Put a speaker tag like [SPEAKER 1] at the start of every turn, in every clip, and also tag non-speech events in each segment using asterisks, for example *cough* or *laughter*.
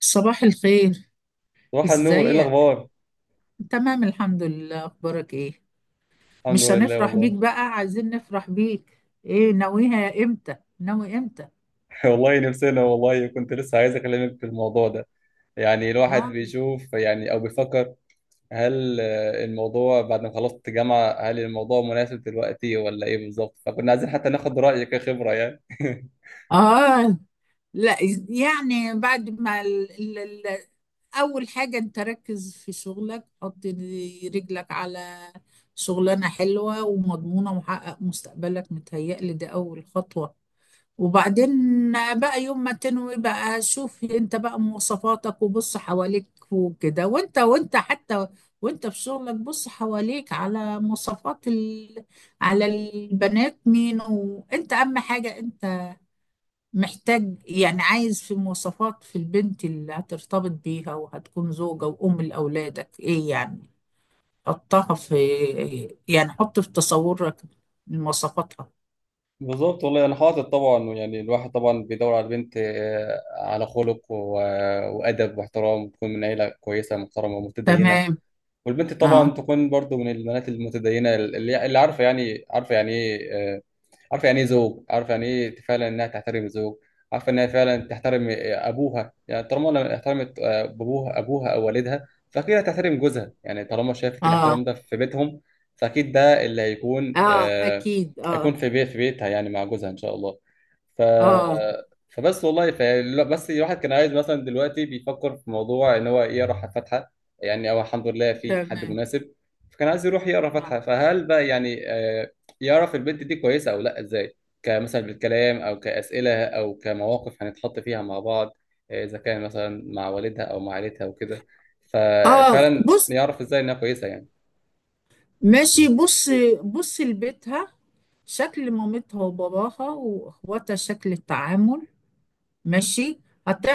[SPEAKER 1] صباح الخير.
[SPEAKER 2] صباح النور، ايه
[SPEAKER 1] ازيك؟
[SPEAKER 2] الاخبار؟
[SPEAKER 1] تمام، الحمد لله. اخبارك ايه؟
[SPEAKER 2] الحمد
[SPEAKER 1] مش
[SPEAKER 2] لله
[SPEAKER 1] هنفرح بيك
[SPEAKER 2] والله.
[SPEAKER 1] بقى؟ عايزين نفرح بيك. ايه، ناويها امتى؟ ناوي امتى؟
[SPEAKER 2] *laughs* والله نفسنا، والله كنت لسه عايز اكلمك في الموضوع ده. يعني الواحد
[SPEAKER 1] اه.
[SPEAKER 2] بيشوف، او بيفكر هل الموضوع بعد ما خلصت جامعة، هل الموضوع مناسب دلوقتي ولا ايه بالظبط؟ فكنا عايزين حتى ناخد رأيك كخبرة يعني. *laughs*
[SPEAKER 1] اه. لا، يعني بعد ما ال... ال... اول حاجة، انت ركز في شغلك، حط رجلك على شغلانة حلوة ومضمونة ومحقق مستقبلك، متهيألي ده اول خطوة. وبعدين بقى يوم ما تنوي بقى، شوف انت بقى مواصفاتك وبص حواليك وكده، وانت حتى وانت في شغلك، بص حواليك على مواصفات على البنات. مين وانت، اهم حاجة انت محتاج يعني عايز في مواصفات في البنت اللي هترتبط بيها وهتكون زوجة وأم لأولادك، ايه يعني؟ حطها في إيه، يعني حط في تصورك مواصفاتها.
[SPEAKER 2] بالظبط والله. انا حاطط طبعا، يعني الواحد طبعا بيدور على بنت، على خلق وادب واحترام، وتكون من عيله كويسه محترمه ومتدينه.
[SPEAKER 1] تمام.
[SPEAKER 2] والبنت
[SPEAKER 1] اه.
[SPEAKER 2] طبعا تكون برضو من البنات المتدينة، اللي عارفة يعني، عارفة يعني ايه، عارفه يعني ايه زوج، عارفه يعني ايه فعلا انها تحترم الزوج، عارفه انها فعلا تحترم ابوها. يعني طالما لما احترمت ابوها او والدها، فاكيد هتحترم جوزها. يعني طالما شافت الاحترام
[SPEAKER 1] اه.
[SPEAKER 2] ده في بيتهم، فاكيد ده اللي هيكون
[SPEAKER 1] اه، اكيد. اه.
[SPEAKER 2] هيكون في بيتها يعني مع جوزها ان شاء الله. ف
[SPEAKER 1] اه،
[SPEAKER 2] فبس والله لا، بس الواحد كان عايز مثلا، دلوقتي بيفكر في موضوع ان هو يقرا فاتحه، يعني او الحمد لله في حد
[SPEAKER 1] تمام.
[SPEAKER 2] مناسب. فكان عايز يروح يقرا فاتحه، فهل بقى يعني يعرف البنت دي كويسة أو لأ إزاي؟ كمثلا بالكلام أو كأسئلة أو كمواقف هنتحط فيها مع بعض، إذا كان مثلا مع والدها أو مع عيلتها وكده،
[SPEAKER 1] اه،
[SPEAKER 2] ففعلا
[SPEAKER 1] بص.
[SPEAKER 2] يعرف إزاي إنها كويسة يعني.
[SPEAKER 1] ماشي، بص. بص لبيتها، شكل مامتها وباباها واخواتها، شكل التعامل. ماشي،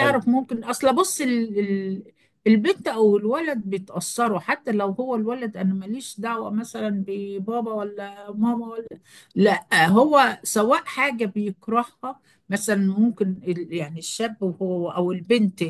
[SPEAKER 2] حلو.
[SPEAKER 1] ممكن اصل بص البنت او الولد بيتأثروا، حتى لو هو الولد انا ماليش دعوة مثلا ببابا ولا ماما ولا، لا هو سواء حاجة بيكرهها. مثلا ممكن يعني الشاب، وهو او البنت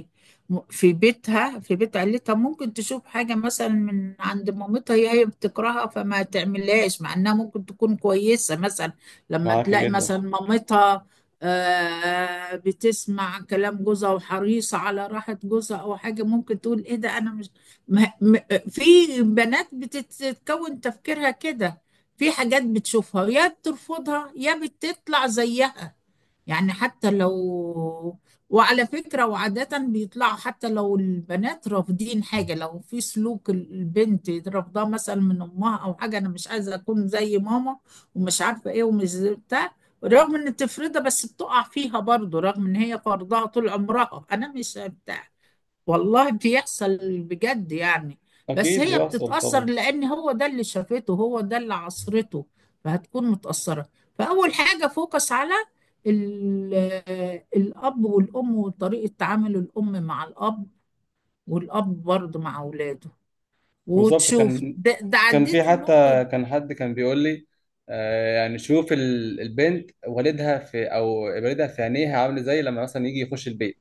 [SPEAKER 1] في بيتها في بيت عيلتها، ممكن تشوف حاجة مثلا من عند مامتها، هي بتكرهها فما تعملهاش، مع انها ممكن تكون كويسة مثلا. لما
[SPEAKER 2] معاك
[SPEAKER 1] تلاقي
[SPEAKER 2] جدا.
[SPEAKER 1] مثلا مامتها بتسمع كلام جوزها وحريصة على راحة جوزها، أو حاجة ممكن تقول إيه ده، أنا مش ما م... في بنات بتتكون تفكيرها كده، في حاجات بتشوفها يا بترفضها يا بتطلع زيها. يعني حتى لو، وعلى فكرة وعادة بيطلعوا حتى لو البنات رافضين حاجة. لو في سلوك البنت رافضاه مثلا من أمها، أو حاجة أنا مش عايزة أكون زي ماما ومش عارفة إيه ومش زي بتاع، رغم إن تفرضها بس بتقع فيها برضه، رغم إن هي فرضها طول عمرها أنا مش، والله بيحصل بجد يعني. بس
[SPEAKER 2] أكيد
[SPEAKER 1] هي
[SPEAKER 2] بيحصل
[SPEAKER 1] بتتأثر
[SPEAKER 2] طبعا.
[SPEAKER 1] لأن هو ده اللي شافته، هو ده اللي عصرته، فهتكون متأثرة. فأول حاجة فوكس على ال- الأب والأم وطريقة تعامل الأم مع الأب، والأب برضه مع أولاده،
[SPEAKER 2] بالظبط.
[SPEAKER 1] وتشوف
[SPEAKER 2] كان،
[SPEAKER 1] ده، ده
[SPEAKER 2] كان في
[SPEAKER 1] عديت
[SPEAKER 2] حتى،
[SPEAKER 1] النقطة دي.
[SPEAKER 2] كان حد كان بيقول لي يعني شوف البنت والدها في، أو والدها في عينيها عامل إزاي لما مثلا يجي يخش البيت.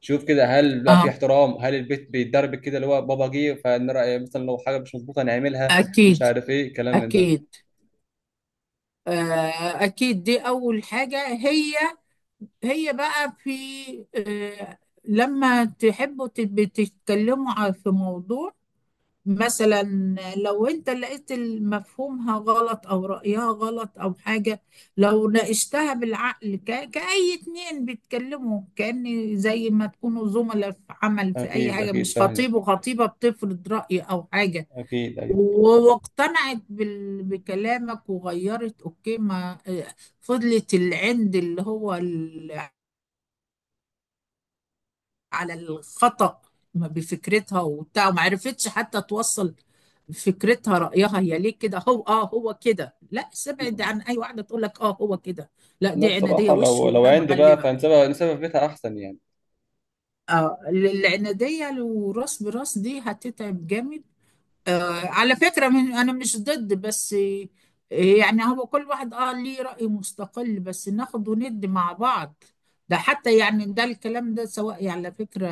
[SPEAKER 2] شوف كده هل بقى في
[SPEAKER 1] آه،
[SPEAKER 2] احترام، هل البيت بيتدرب كده اللي هو بابا جه فنرى مثلا لو حاجه مش مظبوطه نعملها، مش
[SPEAKER 1] أكيد،
[SPEAKER 2] عارف ايه الكلام من ده.
[SPEAKER 1] أكيد. آه، أكيد، دي أول حاجة. هي هي بقى في آه، لما تحبوا تتكلموا في موضوع مثلا، لو انت لقيت مفهومها غلط او رأيها غلط او حاجة، لو ناقشتها بالعقل كأي اتنين بيتكلموا، كأن زي ما تكونوا زملاء في عمل في اي
[SPEAKER 2] اكيد
[SPEAKER 1] حاجة،
[SPEAKER 2] اكيد،
[SPEAKER 1] مش
[SPEAKER 2] فاهمك.
[SPEAKER 1] خطيب وخطيبة بتفرض رأي او حاجة،
[SPEAKER 2] اكيد ايوه.
[SPEAKER 1] واقتنعت بكلامك وغيرت، اوكي. ما فضلت العند اللي هو على الخطأ، ما بفكرتها وبتاع، وما عرفتش حتى توصل فكرتها رأيها هي ليه كده، هو اه هو كده. لا، سبعد عن اي واحدة تقول لك اه هو كده، لا،
[SPEAKER 2] لا
[SPEAKER 1] دي عنادية
[SPEAKER 2] بصراحه،
[SPEAKER 1] وش
[SPEAKER 2] لو عندي بقى
[SPEAKER 1] وهتغلبك.
[SPEAKER 2] فنسيبها، نسيبها في بيتها احسن يعني.
[SPEAKER 1] اه، العنادية لو راس براس دي هتتعب جامد. آه على فكرة، من انا مش ضد، بس يعني هو كل واحد اه ليه رأي مستقل، بس ناخد وند مع بعض. ده حتى يعني ده الكلام ده سواء يعني على فكرة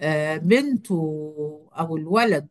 [SPEAKER 1] بنته او الولد،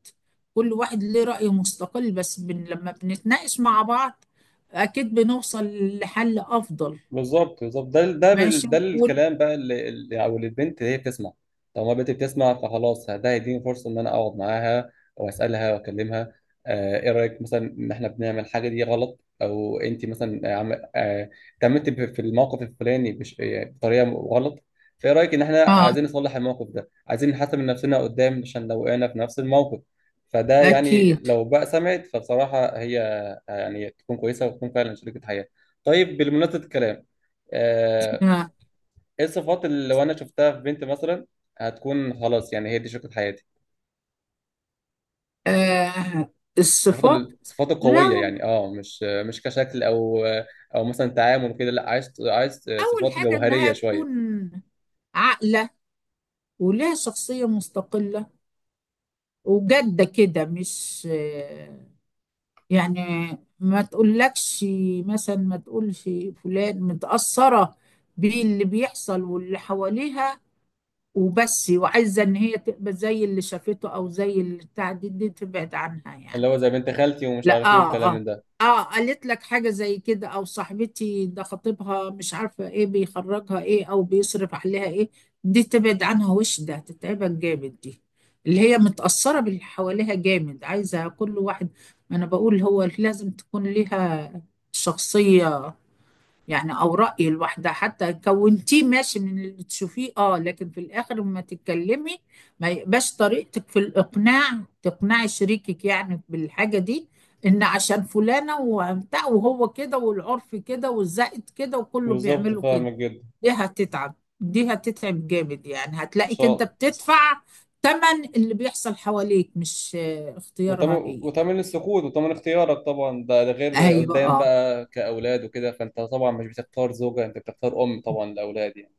[SPEAKER 1] كل واحد ليه رأي مستقل، بس بن لما بنتناقش مع بعض اكيد بنوصل لحل افضل.
[SPEAKER 2] بالظبط ده ده
[SPEAKER 1] ماشي
[SPEAKER 2] بال- ده الكلام بقى اللي اللي- او اللي البنت هي بتسمع. طالما البنت بتسمع فخلاص، ده هيديني فرصه ان انا اقعد معاها واسالها واكلمها. ايه رايك مثلا ان احنا بنعمل الحاجه دي غلط، او انت مثلا اتعاملتي في الموقف الفلاني بطريقه غلط، فايه رايك ان احنا
[SPEAKER 1] اه
[SPEAKER 2] عايزين نصلح الموقف ده، عايزين نحسن من نفسنا قدام، عشان لو وقعنا في نفس الموقف. فده يعني
[SPEAKER 1] اكيد.
[SPEAKER 2] لو بقى سمعت، فبصراحه هي يعني تكون كويسه وتكون فعلا شريكه حياه. طيب بالمناسبه الكلام، آه،
[SPEAKER 1] آه.
[SPEAKER 2] ايه الصفات اللي لو انا شفتها في بنت مثلا هتكون خلاص يعني هي دي شريكة حياتي؟
[SPEAKER 1] آه،
[SPEAKER 2] الصفات
[SPEAKER 1] الصفات.
[SPEAKER 2] الصفات القوية
[SPEAKER 1] لو
[SPEAKER 2] يعني، اه مش كشكل او او مثلا تعامل كده، لا عايز
[SPEAKER 1] اول
[SPEAKER 2] صفات
[SPEAKER 1] حاجة
[SPEAKER 2] جوهرية
[SPEAKER 1] انها
[SPEAKER 2] شوية.
[SPEAKER 1] تكون عاقلة ولها شخصية مستقلة وجادة كده، مش يعني، ما تقولكش مثلا، ما تقولش فلان متأثرة باللي بيحصل واللي حواليها وبس، وعايزة ان هي تبقى زي اللي شافته او زي اللي بتاع، دي تبعد عنها
[SPEAKER 2] اللي
[SPEAKER 1] يعني.
[SPEAKER 2] هو زي بنت خالتي ومش
[SPEAKER 1] لا
[SPEAKER 2] عارف ايه
[SPEAKER 1] اه،
[SPEAKER 2] والكلام من
[SPEAKER 1] اه
[SPEAKER 2] ده.
[SPEAKER 1] اه قالت لك حاجة زي كده، او صاحبتي ده خطيبها مش عارفة ايه، بيخرجها ايه او بيصرف عليها ايه. دي تبعد عنها وش، ده هتتعبك جامد دي، اللي هي متأثرة باللي حواليها جامد، عايزة كل واحد. ما انا بقول هو لازم تكون ليها شخصية، يعني او رايي الواحده حتى كونتيه ماشي من اللي تشوفيه اه، لكن في الاخر لما تتكلمي ما يبقاش طريقتك في الاقناع تقنعي شريكك يعني بالحاجه دي، ان عشان فلانه وبتاع وهو كده والعرف كده والزائد كده وكله
[SPEAKER 2] بالظبط،
[SPEAKER 1] بيعملوا
[SPEAKER 2] فاهمك
[SPEAKER 1] كده.
[SPEAKER 2] جدا.
[SPEAKER 1] دي دي هتتعب جامد، يعني
[SPEAKER 2] ان
[SPEAKER 1] هتلاقيك
[SPEAKER 2] شاء
[SPEAKER 1] انت
[SPEAKER 2] الله.
[SPEAKER 1] بتدفع تمن اللي بيحصل حواليك، مش اختيارها
[SPEAKER 2] وتمن،
[SPEAKER 1] هي.
[SPEAKER 2] وتمن السكوت وتمن اختيارك طبعا. ده غير قدام
[SPEAKER 1] ايوه،
[SPEAKER 2] بقى كأولاد وكده، فانت طبعا مش بتختار زوجة، انت بتختار ام طبعا لأولاد يعني.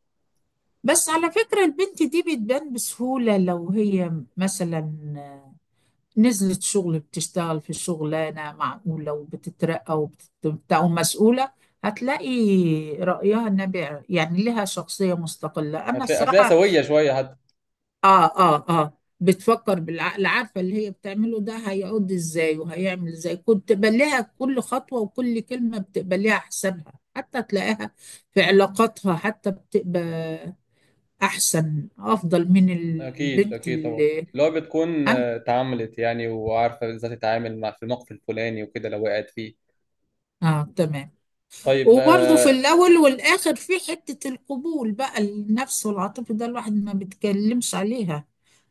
[SPEAKER 1] بس على فكرة البنت دي بتبان بسهولة. لو هي مثلا نزلت شغل بتشتغل في شغلانة معقولة وبتترقى وبتبقى ومسؤولة، هتلاقي رأيها النابع، يعني لها شخصية مستقلة، أنا
[SPEAKER 2] هتلاقيها
[SPEAKER 1] الصراحة.
[SPEAKER 2] سوية شوية.
[SPEAKER 1] آه، آه، آه. بتفكر بالعقل، عارفة اللي هي بتعمله ده هيعود إزاي وهيعمل إزاي، كنت بليها كل خطوة وكل كلمة بتقبليها حسابها، حتى تلاقيها في علاقاتها حتى بتبقى احسن افضل من
[SPEAKER 2] اكيد
[SPEAKER 1] البنت
[SPEAKER 2] اكيد طبعا.
[SPEAKER 1] اللي،
[SPEAKER 2] اللي هو بتكون
[SPEAKER 1] أنا.
[SPEAKER 2] اتعاملت يعني وعارفه ازاي تتعامل مع في الموقف الفلاني وكده لو وقعت فيه.
[SPEAKER 1] اه تمام.
[SPEAKER 2] طيب
[SPEAKER 1] وبرضه في
[SPEAKER 2] آه.
[SPEAKER 1] الاول والاخر في حته القبول بقى، النفس والعاطفه، ده الواحد ما بيتكلمش عليها.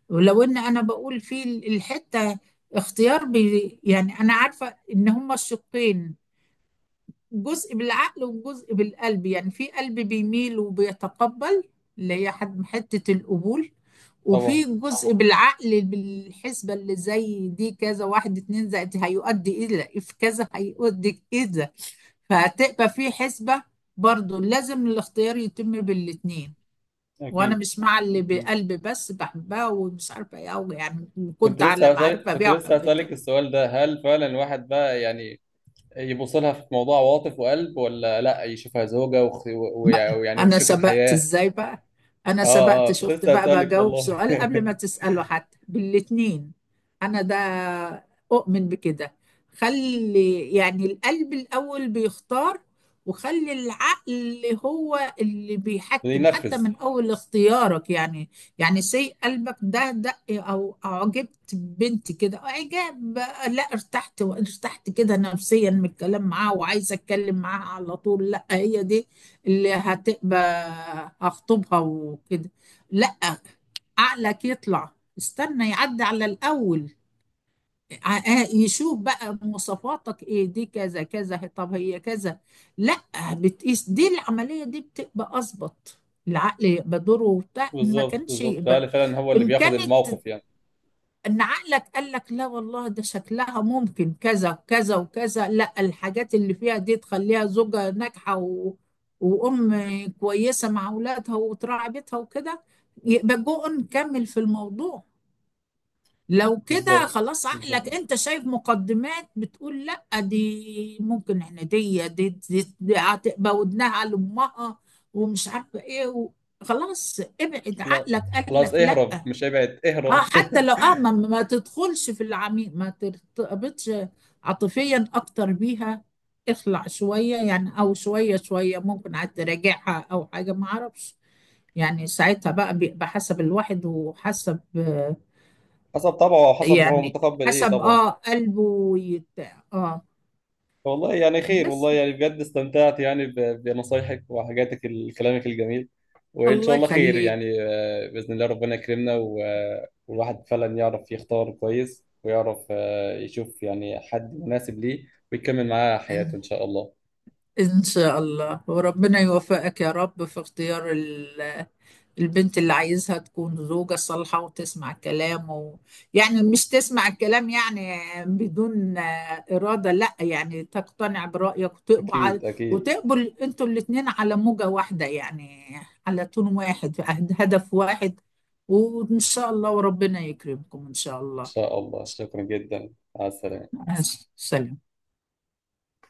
[SPEAKER 1] ولو ان انا بقول في الحته اختيار بي، يعني انا عارفه ان هما الشقين، جزء بالعقل وجزء بالقلب، يعني في قلب بيميل وبيتقبل، اللي هي حد حتة القبول،
[SPEAKER 2] طبعا.
[SPEAKER 1] وفي جزء بالعقل بالحسبة اللي زي دي، كذا واحد اتنين زائد هيؤدي إلى في كذا هيؤدي كذا، فهتبقى في حسبة. برضو لازم الاختيار يتم بالاتنين، وانا
[SPEAKER 2] اكيد
[SPEAKER 1] مش مع اللي
[SPEAKER 2] اكيد.
[SPEAKER 1] بقلب بس، بحبها ومش عارفه ايه أوي يعني،
[SPEAKER 2] كنت
[SPEAKER 1] كنت على
[SPEAKER 2] لسه هسألك
[SPEAKER 1] معرفه
[SPEAKER 2] كنت
[SPEAKER 1] بيها
[SPEAKER 2] لسه هسألك
[SPEAKER 1] وحبيتها.
[SPEAKER 2] السؤال ده، هل فعلا الواحد بقى يعني يبص لها في موضوع عواطف وقلب، ولا لا يشوفها زوجة
[SPEAKER 1] بقى
[SPEAKER 2] ويعني
[SPEAKER 1] انا
[SPEAKER 2] شريكة
[SPEAKER 1] سبقت
[SPEAKER 2] حياة؟
[SPEAKER 1] ازاي بقى، انا
[SPEAKER 2] اه
[SPEAKER 1] سبقت
[SPEAKER 2] اه، كنت
[SPEAKER 1] شفت
[SPEAKER 2] لسه
[SPEAKER 1] بقى
[SPEAKER 2] هسألك
[SPEAKER 1] بجاوب
[SPEAKER 2] والله.
[SPEAKER 1] سؤال قبل ما تسأله، حتى بالاتنين. انا ده اؤمن بكده، خلي يعني القلب الاول بيختار، وخلي العقل هو اللي
[SPEAKER 2] *laughs*
[SPEAKER 1] بيحكم حتى
[SPEAKER 2] ينفذ.
[SPEAKER 1] من اول اختيارك يعني. يعني سي قلبك ده دق او اعجبت بنت كده اعجاب، لا ارتحت وارتحت كده نفسيا من الكلام معاها وعايزه اتكلم معاها على طول، لا هي دي اللي هتبقى، هخطبها وكده، لا، عقلك يطلع، استنى يعدي على الأول يشوف بقى مواصفاتك ايه، دي كذا كذا، طب هي كذا، لا، بتقيس. دي العملية دي بتبقى أظبط. العقل يبقى دوره وبتاع ما
[SPEAKER 2] بالظبط
[SPEAKER 1] كانش
[SPEAKER 2] بالظبط
[SPEAKER 1] يبقى،
[SPEAKER 2] هل فعلا هو اللي
[SPEAKER 1] إن
[SPEAKER 2] بياخد
[SPEAKER 1] كانت
[SPEAKER 2] الموقف يعني؟
[SPEAKER 1] ان عقلك قال لك لا والله، ده شكلها ممكن كذا كذا وكذا، لا الحاجات اللي فيها دي تخليها زوجة ناجحة و... وأم كويسة مع أولادها وتراعي بيتها وكده، يبقى جو نكمل في الموضوع. لو كده
[SPEAKER 2] بالظبط
[SPEAKER 1] خلاص، عقلك
[SPEAKER 2] بالظبط
[SPEAKER 1] انت شايف مقدمات بتقول لا، دي ممكن احنا دي هتبقى ودنها لأمها ومش عارفة ايه و... خلاص ابعد،
[SPEAKER 2] خلاص،
[SPEAKER 1] عقلك قال لك
[SPEAKER 2] خلاص
[SPEAKER 1] لا.
[SPEAKER 2] اهرب، مش ابعد
[SPEAKER 1] اه
[SPEAKER 2] اهرب.
[SPEAKER 1] حتى
[SPEAKER 2] *laughs*
[SPEAKER 1] لو اه، ما تدخلش في العميق، ما ترتبطش عاطفيا اكتر بيها، اخلع شوية يعني، او شوية شوية ممكن عاد تراجعها او حاجة ما اعرفش. يعني ساعتها بقى بيبقى حسب الواحد وحسب
[SPEAKER 2] حسب طبعه او حسب هو
[SPEAKER 1] يعني
[SPEAKER 2] متقبل ايه
[SPEAKER 1] حسب
[SPEAKER 2] طبعا.
[SPEAKER 1] اه قلبه ويتاع اه.
[SPEAKER 2] والله يعني خير،
[SPEAKER 1] بس،
[SPEAKER 2] والله يعني بجد استمتعت يعني بنصايحك وحاجاتك كلامك الجميل. وان شاء
[SPEAKER 1] الله
[SPEAKER 2] الله خير
[SPEAKER 1] يخليك.
[SPEAKER 2] يعني، باذن الله ربنا يكرمنا والواحد فعلا يعرف يختار كويس، ويعرف يشوف يعني حد مناسب ليه ويكمل معاه حياته
[SPEAKER 1] ان
[SPEAKER 2] ان شاء الله.
[SPEAKER 1] إن شاء الله وربنا يوفقك يا رب في اختيار ال البنت اللي عايزها تكون زوجة صالحة وتسمع الكلام و... يعني مش تسمع الكلام يعني بدون إرادة، لا يعني تقتنع برأيك وتقبل،
[SPEAKER 2] اكيد اكيد
[SPEAKER 1] وتقبل انتوا الاتنين على موجة واحدة يعني، على تون واحد عند هدف واحد. وإن شاء الله وربنا يكرمكم إن شاء
[SPEAKER 2] ان
[SPEAKER 1] الله.
[SPEAKER 2] شاء الله. شكرا جدا، مع السلامه.
[SPEAKER 1] آه، سلام.